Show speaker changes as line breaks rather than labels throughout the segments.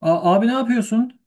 Abi ne yapıyorsun?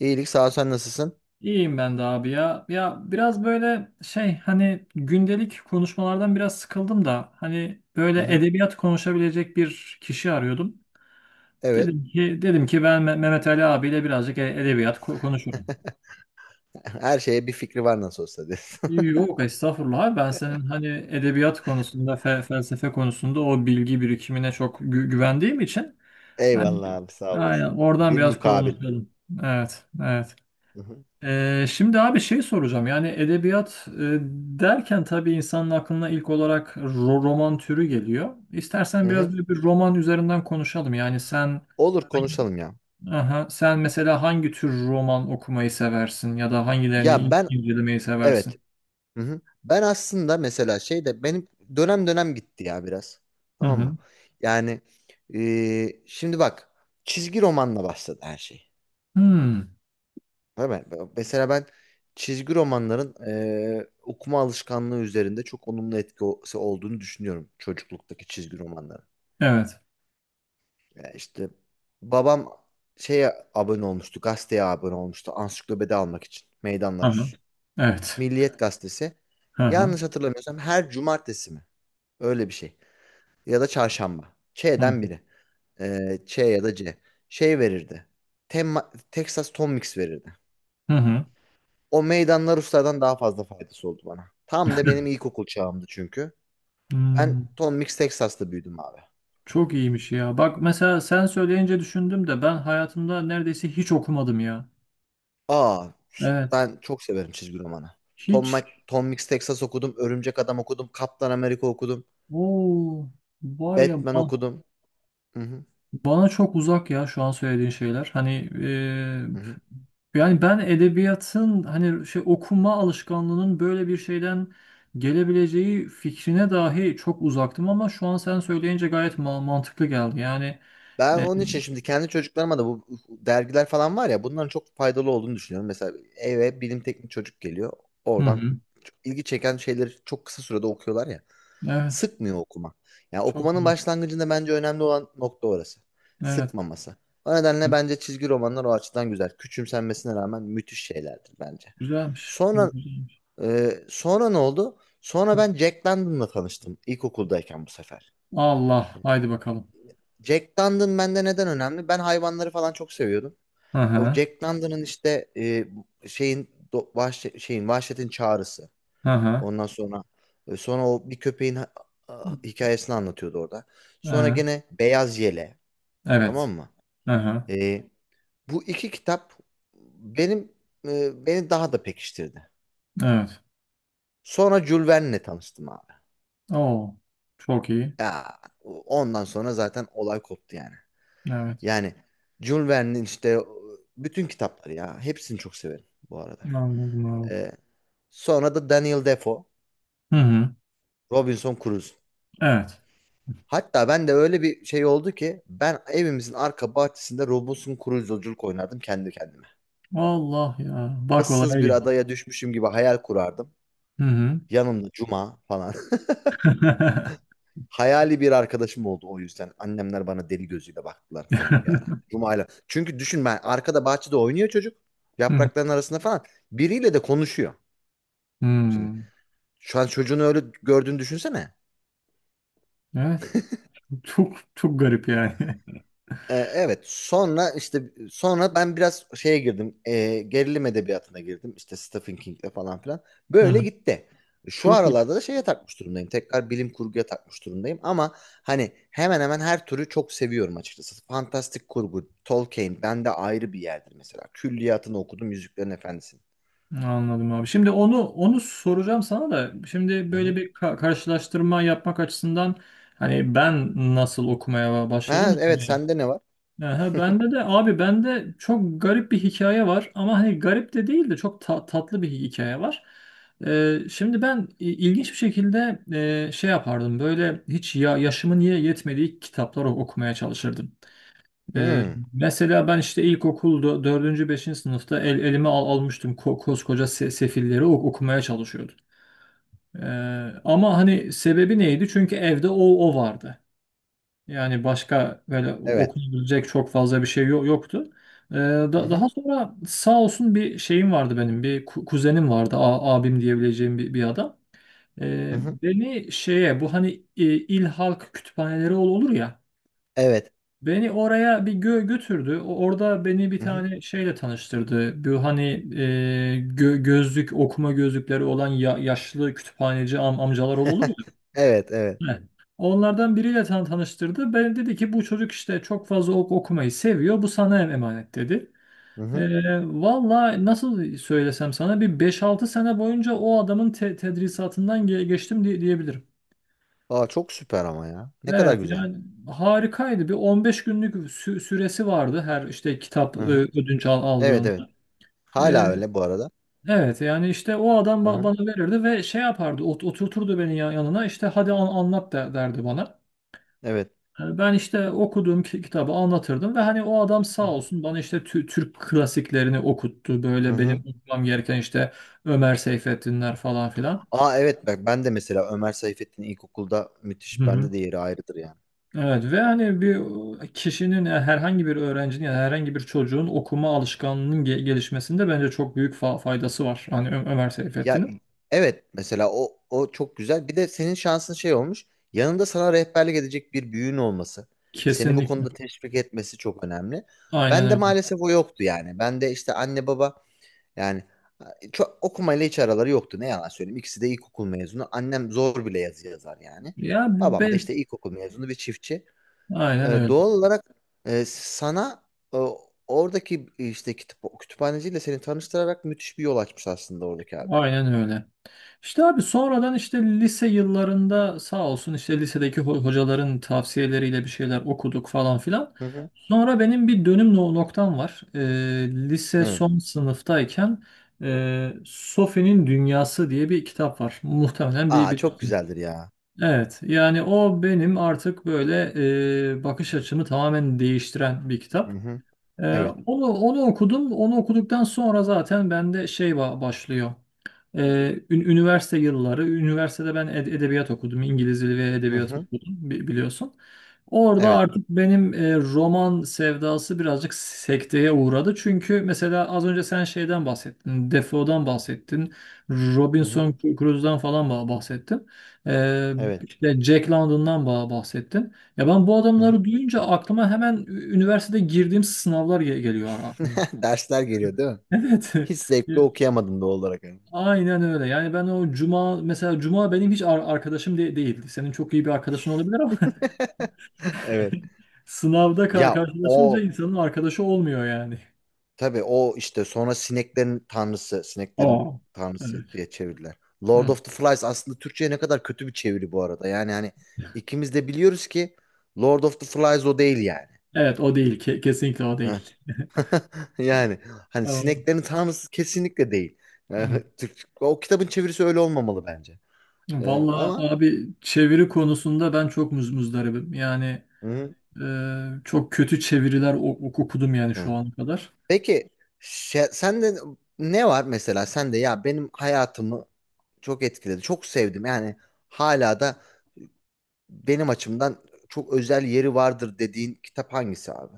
İyilik sağ ol, sen nasılsın?
İyiyim ben de abi ya. Ya biraz böyle şey, hani gündelik konuşmalardan biraz sıkıldım da, hani
Hı
böyle
hı.
edebiyat konuşabilecek bir kişi arıyordum.
Evet.
Dedim ki ben Mehmet Ali abiyle birazcık edebiyat konuşurum.
Her şeye bir fikri var nasıl olsa diyorsun.
Yok, estağfurullah abi. Ben senin hani edebiyat konusunda, felsefe konusunda o bilgi birikimine çok güvendiğim için hani,
Eyvallah abi, sağ
aynen,
olasın.
oradan
Bir
biraz
mukabil.
konuşalım. Evet, evet.
Hı hı.
Şimdi abi şey soracağım, yani edebiyat derken tabii insanın aklına ilk olarak roman türü geliyor.
Hı
İstersen biraz
hı.
böyle bir roman üzerinden konuşalım. Yani
Olur, konuşalım ya.
sen mesela hangi tür roman okumayı seversin ya da hangilerini
Ya
in-
ben
incelemeyi seversin?
evet. Hı hı. Ben aslında mesela şey de benim dönem dönem gitti ya biraz.
Hı
Tamam mı?
hı.
Yani şimdi bak, çizgi romanla başladı her şey.
Hmm,
Değil mi? Mesela ben çizgi romanların okuma alışkanlığı üzerinde çok olumlu etkisi olduğunu düşünüyorum, çocukluktaki çizgi romanların.
evet.
Ya işte babam şeye abone olmuştu, gazeteye abone olmuştu ansiklopedi almak için.
Hı
Meydanlar
hı.
Rus.
Evet.
Milliyet gazetesi.
Hı hı.
Yanlış hatırlamıyorsam her cumartesi mi? Öyle bir şey. Ya da çarşamba.
Hı
Ç'den biri. Ç ya da C. Şey verirdi. Temma, Texas Tom Mix verirdi.
hı. Hı.
O meydanlar Ruslardan daha fazla faydası oldu bana. Tam da benim ilkokul çağımdı çünkü. Ben
Hmm,
Tom Mix Texas'ta büyüdüm abi.
Çok iyiymiş ya. Bak, mesela sen söyleyince düşündüm de, ben hayatımda neredeyse hiç okumadım ya.
Aa,
Evet.
ben çok severim çizgi romanı.
Hiç.
Tom Mix Texas okudum, Örümcek Adam okudum, Kaptan Amerika okudum,
Oo, var ya,
Batman okudum. Hı hı,
bana çok uzak ya şu an söylediğin şeyler. Hani,
hı hı.
yani ben edebiyatın hani şey, okuma alışkanlığının böyle bir şeyden gelebileceği fikrine dahi çok uzaktım, ama şu an sen söyleyince gayet mantıklı geldi. Yani.
Ben
e,
onun için şimdi kendi çocuklarıma da bu dergiler falan var ya, bunların çok faydalı olduğunu düşünüyorum. Mesela eve bilim teknik çocuk geliyor.
hı
Oradan
hı.
çok ilgi çeken şeyleri çok kısa sürede okuyorlar ya.
Evet.
Sıkmıyor okuma. Yani
Çok
okumanın
güzel.
başlangıcında bence önemli olan nokta orası.
Evet.
Sıkmaması. O nedenle bence çizgi romanlar o açıdan güzel. Küçümsenmesine rağmen müthiş şeylerdir bence.
Güzelmiş.
Sonra
Güzelmiş.
sonra ne oldu? Sonra ben Jack London'la tanıştım ilkokuldayken bu sefer.
Allah. Haydi bakalım.
Jack London bende neden önemli? Ben hayvanları falan çok seviyordum.
Hı
O
hı.
Jack London'ın işte e, şeyin do- vahşe- şeyin vahşetin çağrısı.
Hı hı.
Ondan sonra sonra o bir hikayesini anlatıyordu orada. Sonra
Ee,
gene Beyaz Yele.
Evet.
Tamam mı?
Hı hı.
E, Bu iki kitap benim beni daha da pekiştirdi.
Evet.
Sonra Jules Verne'le tanıştım abi.
Oo. Çok iyi.
Ya ondan sonra zaten olay koptu yani.
Evet.
Yani Jules Verne'in işte bütün kitapları, ya hepsini çok severim bu arada.
Anladım abi.
E, Sonra da Daniel Defoe,
Hı hı.
Robinson Crusoe.
Evet.
Hatta ben de öyle bir şey oldu ki ben evimizin arka bahçesinde Robinson Crusoe'culuk oynardım kendi kendime.
Allah ya. Bak olaya
Issız bir
gel.
adaya düşmüşüm gibi hayal kurardım.
Hı hı.
Yanımda Cuma falan. Hayali bir arkadaşım oldu o yüzden. Annemler bana deli gözüyle baktılar falan bir ara. Cuma'yla. Çünkü düşün, ben arkada bahçede oynuyor çocuk.
Hı
Yaprakların arasında falan. Biriyle de konuşuyor. Şimdi
hı.
şu an çocuğunu öyle gördüğünü düşünsene.
Evet. Çok çok garip yani.
Evet, sonra işte sonra ben biraz şeye girdim, gerilim edebiyatına girdim işte Stephen King'le falan filan
Hı
böyle
hı.
gitti. Şu
Çok iyi.
aralarda da şeye takmış durumdayım, tekrar bilim kurguya takmış durumdayım ama hani hemen hemen her türü çok seviyorum açıkçası. Fantastik kurgu Tolkien bende ayrı bir yerdir mesela, külliyatını okudum Yüzüklerin Efendisi'nin.
Anladım abi. Şimdi onu soracağım sana da, şimdi
Hı
böyle
hı.
bir karşılaştırma yapmak açısından, hani ben nasıl okumaya
Ha,
başladım.
evet sende ne var?
Aha, bende de abi, bende çok garip bir hikaye var, ama hani garip de değil de çok tatlı bir hikaye var. Şimdi ben ilginç bir şekilde, şey yapardım, böyle hiç ya, yaşımın yetmediği kitapları okumaya çalışırdım. Ee,
Hmm,
Mesela ben işte ilkokulda dördüncü beşinci sınıfta, elime almıştım, koskoca Sefilleri okumaya çalışıyordum. Ee, Ama hani sebebi neydi? Çünkü evde o vardı. Yani başka böyle
evet.
okunabilecek çok fazla bir şey yoktu.
Hı
Da-
hı.
daha sonra, sağ olsun, bir şeyim vardı benim. Bir kuzenim vardı, abim diyebileceğim bir adam.
Hı hı.
Beni şeye, bu hani, il halk kütüphaneleri olur ya.
Evet.
Beni oraya bir götürdü. Orada beni bir
Hı hı.
tane şeyle tanıştırdı. Bu hani, e, gö- gözlük okuma gözlükleri olan yaşlı kütüphaneci amcalar olur ya.
Evet, evet.
Evet. Onlardan biriyle tanıştırdı. "Ben," dedi ki, "bu çocuk işte çok fazla okumayı seviyor. Bu sana emanet dedi.
Hı hı.
Valla nasıl söylesem sana, bir beş altı sene boyunca o adamın tedrisatından geçtim diyebilirim.
Aa çok süper ama ya. Ne kadar
Evet,
güzel.
yani harikaydı. Bir 15 günlük süresi vardı her işte kitap
Hı hı.
ödünç al
Evet,
aldığında.
evet.
Ee,
Hala öyle bu arada.
evet, yani işte o adam
Hı
ba-
hı.
bana verirdi ve şey yapardı, oturturdu beni yanına, işte "hadi anlat derdi bana.
Evet.
Ben işte okuduğum kitabı anlatırdım, ve hani o adam, sağ
Hı hı.
olsun, bana işte Türk klasiklerini okuttu.
Hı
Böyle
hı.
benim okumam gereken, işte Ömer Seyfettinler falan filan.
Aa evet, bak ben de mesela Ömer Seyfettin ilkokulda
Hı
müthiş,
hı.
bende de yeri ayrıdır yani.
Evet. Ve hani bir kişinin, yani herhangi bir öğrencinin ya da herhangi bir çocuğun okuma alışkanlığının gelişmesinde bence çok büyük faydası var. Hani Ömer
Ya
Seyfettin'in.
evet, mesela o çok güzel. Bir de senin şansın şey olmuş. Yanında sana rehberlik edecek bir büyüğün olması. Seni bu konuda
Kesinlikle.
teşvik etmesi çok önemli.
Aynen
Ben de
öyle.
maalesef o yoktu yani. Ben de işte anne baba, yani çok okumayla hiç araları yoktu. Ne yalan söyleyeyim. İkisi de ilkokul mezunu. Annem zor bile yazı yazar yani.
Ya
Babam da
ben,
işte ilkokul mezunu bir çiftçi.
aynen öyle.
Doğal olarak e, sana e, oradaki işte kitap, kütüphaneciyle seni tanıştırarak müthiş bir yol açmış aslında oradaki abi.
Aynen öyle. İşte abi, sonradan, işte lise yıllarında, sağ olsun, işte lisedeki hocaların tavsiyeleriyle bir şeyler okuduk falan filan.
Hı hı.
Sonra benim bir dönüm noktam var. Lise
Evet.
son sınıftayken, Sophie'nin Dünyası diye bir kitap var. Muhtemelen bir
Aa çok
bilirsin.
güzeldir ya.
Evet, yani o benim artık böyle, bakış açımı tamamen değiştiren bir
Hı
kitap.
hı.
Ee,
Evet.
onu okudum. Onu okuduktan sonra zaten bende şey başlıyor. Ee, üniversite yılları, üniversitede ben edebiyat okudum, İngiliz dili ve
Hı
edebiyat
hı.
okudum, biliyorsun. Orada
Evet.
artık benim, roman sevdası birazcık sekteye uğradı. Çünkü mesela az önce sen şeyden bahsettin, Defoe'dan bahsettin,
Hı hı.
Robinson Crusoe'dan falan bahsettin. Ee,
Evet.
işte Jack London'dan bahsettin. Ya ben bu
Hı
adamları
hı.
duyunca aklıma hemen üniversitede girdiğim sınavlar geliyor.
Dersler geliyor, değil mi?
Evet.
Hiç zevkli okuyamadım doğal olarak.
Aynen öyle. Yani ben o Cuma, mesela Cuma benim hiç arkadaşım değil. Senin çok iyi bir arkadaşın olabilir ama,
Evet.
sınavda ka-
Ya
karşılaşınca
o
insanın arkadaşı olmuyor yani.
Tabii o işte sonra sineklerin tanrısı, sineklerin
Aa.
tanrısı
Evet.
diye çevirdiler. Lord
Hı.
of the Flies aslında Türkçe'ye ne kadar kötü bir çeviri bu arada. Yani hani ikimiz de biliyoruz ki Lord of the Flies o değil yani.
Evet o değil. Kesinlikle o değil.
Eh, Yani hani
Aa.
sineklerin tanrısı kesinlikle değil. Eh,
Hı.
Türk, o kitabın çevirisi öyle olmamalı bence. Ama
Vallahi abi, çeviri konusunda ben çok muzdaribim. Yani,
hı,
çok kötü çeviriler okudum yani şu
evet.
ana kadar.
Peki sende ne var mesela, sen de. Ya benim hayatımı çok etkiledi, çok sevdim yani, hala da benim açımdan çok özel yeri vardır dediğin kitap hangisi abi?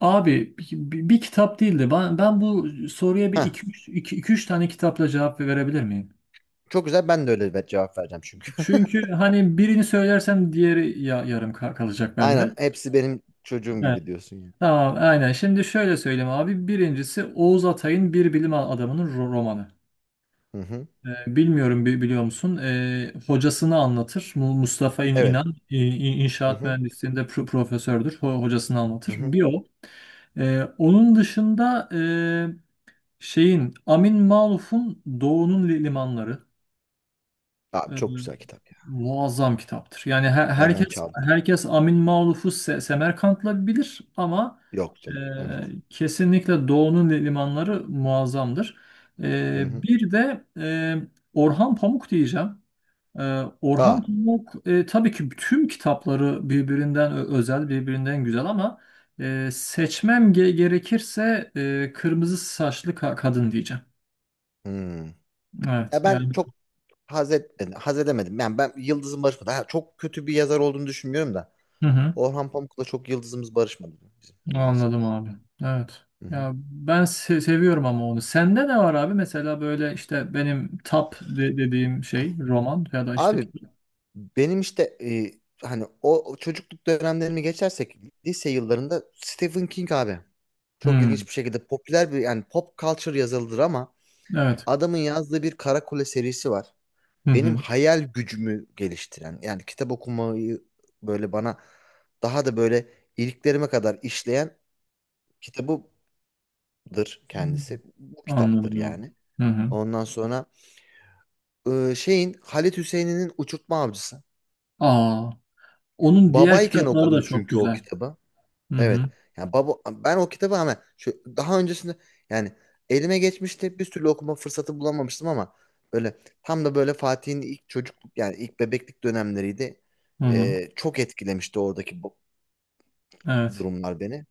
Abi, bir kitap değildi. Ben bu soruya bir
Heh,
iki üç tane kitapla cevap verebilir miyim?
çok güzel, ben de öyle bir cevap vereceğim çünkü.
Çünkü hani birini söylersem diğeri ya, yarım kalacak
Aynen,
bende.
hepsi benim çocuğum
Evet.
gibi diyorsun ya.
Tamam, aynen. Şimdi şöyle söyleyeyim abi. Birincisi Oğuz Atay'ın Bir Bilim Adamı'nın romanı.
Hı hı.
Bilmiyorum, biliyor musun? Hocasını anlatır. Mustafa İn-
Evet.
İnan İ- İ-
Hı
inşaat
hı.
mühendisliğinde profesördür. Hocasını
Hı
anlatır.
hı.
Bir o. Onun dışında, şeyin, Amin Maluf'un Doğu'nun limanları.
Abi
Ee,
çok güzel kitap ya.
Muazzam kitaptır. Yani her-
Benden
herkes
çaldın.
herkes Amin Maluf'u Semerkant'la bilir ama,
Yok
e,
canım. Evet.
kesinlikle Doğu'nun limanları muazzamdır.
Hı hı.
Bir de, Orhan Pamuk diyeceğim. E,
Aa.
Orhan Pamuk, tabii ki tüm kitapları birbirinden özel, birbirinden güzel, ama seçmem gerekirse, Kırmızı Saçlı Kadın diyeceğim.
Hmm.
Evet
Ya ben
yani.
çok haz etmedim. Haz edemedim. Yani ben, yıldızım barışmadı. Ha, çok kötü bir yazar olduğunu düşünmüyorum da.
Hı hı.
Orhan Pamuk'la çok yıldızımız barışmadı bizim. Nedense.
Anladım abi. Evet.
Hı hı.
Ya ben seviyorum ama onu. Sende ne var abi? Mesela böyle işte benim tap dediğim şey, roman ya da işte...
Abi, benim işte hani o çocukluk dönemlerimi geçersek lise yıllarında Stephen King abi. Çok
Hmm,
ilginç bir şekilde popüler bir yani pop culture yazılıdır ama
evet.
adamın yazdığı bir Karakule serisi var.
Hı
Benim
hı.
hayal gücümü geliştiren, yani kitap okumayı böyle bana daha da böyle iliklerime kadar işleyen kitabıdır
Hmm,
kendisi. Bu kitaptır
Anladım abi.
yani.
Hı hı.
Ondan sonra şeyin Halit Hüseyin'in Uçurtma Avcısı.
Aa, onun diğer
Babayken
kitapları da
okudum
çok
çünkü o
güzel.
kitabı.
Hı
Evet.
hı.
Yani baba, ben o kitabı ama şu daha öncesinde yani elime geçmişti. Bir türlü okuma fırsatı bulamamıştım ama böyle tam da böyle Fatih'in ilk çocukluk, yani ilk bebeklik dönemleriydi.
Hı hı.
Çok etkilemişti oradaki bu
Evet.
durumlar beni.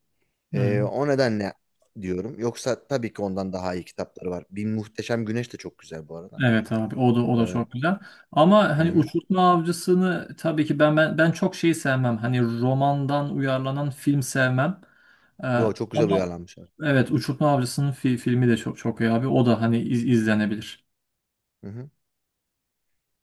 Hı hı.
O nedenle diyorum. Yoksa tabii ki ondan daha iyi kitapları var. Bir Muhteşem Güneş de çok güzel bu arada.
Evet abi, o da o
Ee,
da çok güzel. Ama
hı
hani
hı.
Uçurtma Avcısı'nı tabii ki ben çok şey sevmem. Hani romandan uyarlanan film sevmem. Ee,
Yo çok güzel
Ama
uyarlanmış.
evet, Uçurtma Avcısı'nın filmi de çok çok iyi abi. O da hani izlenebilir.
Hı hı.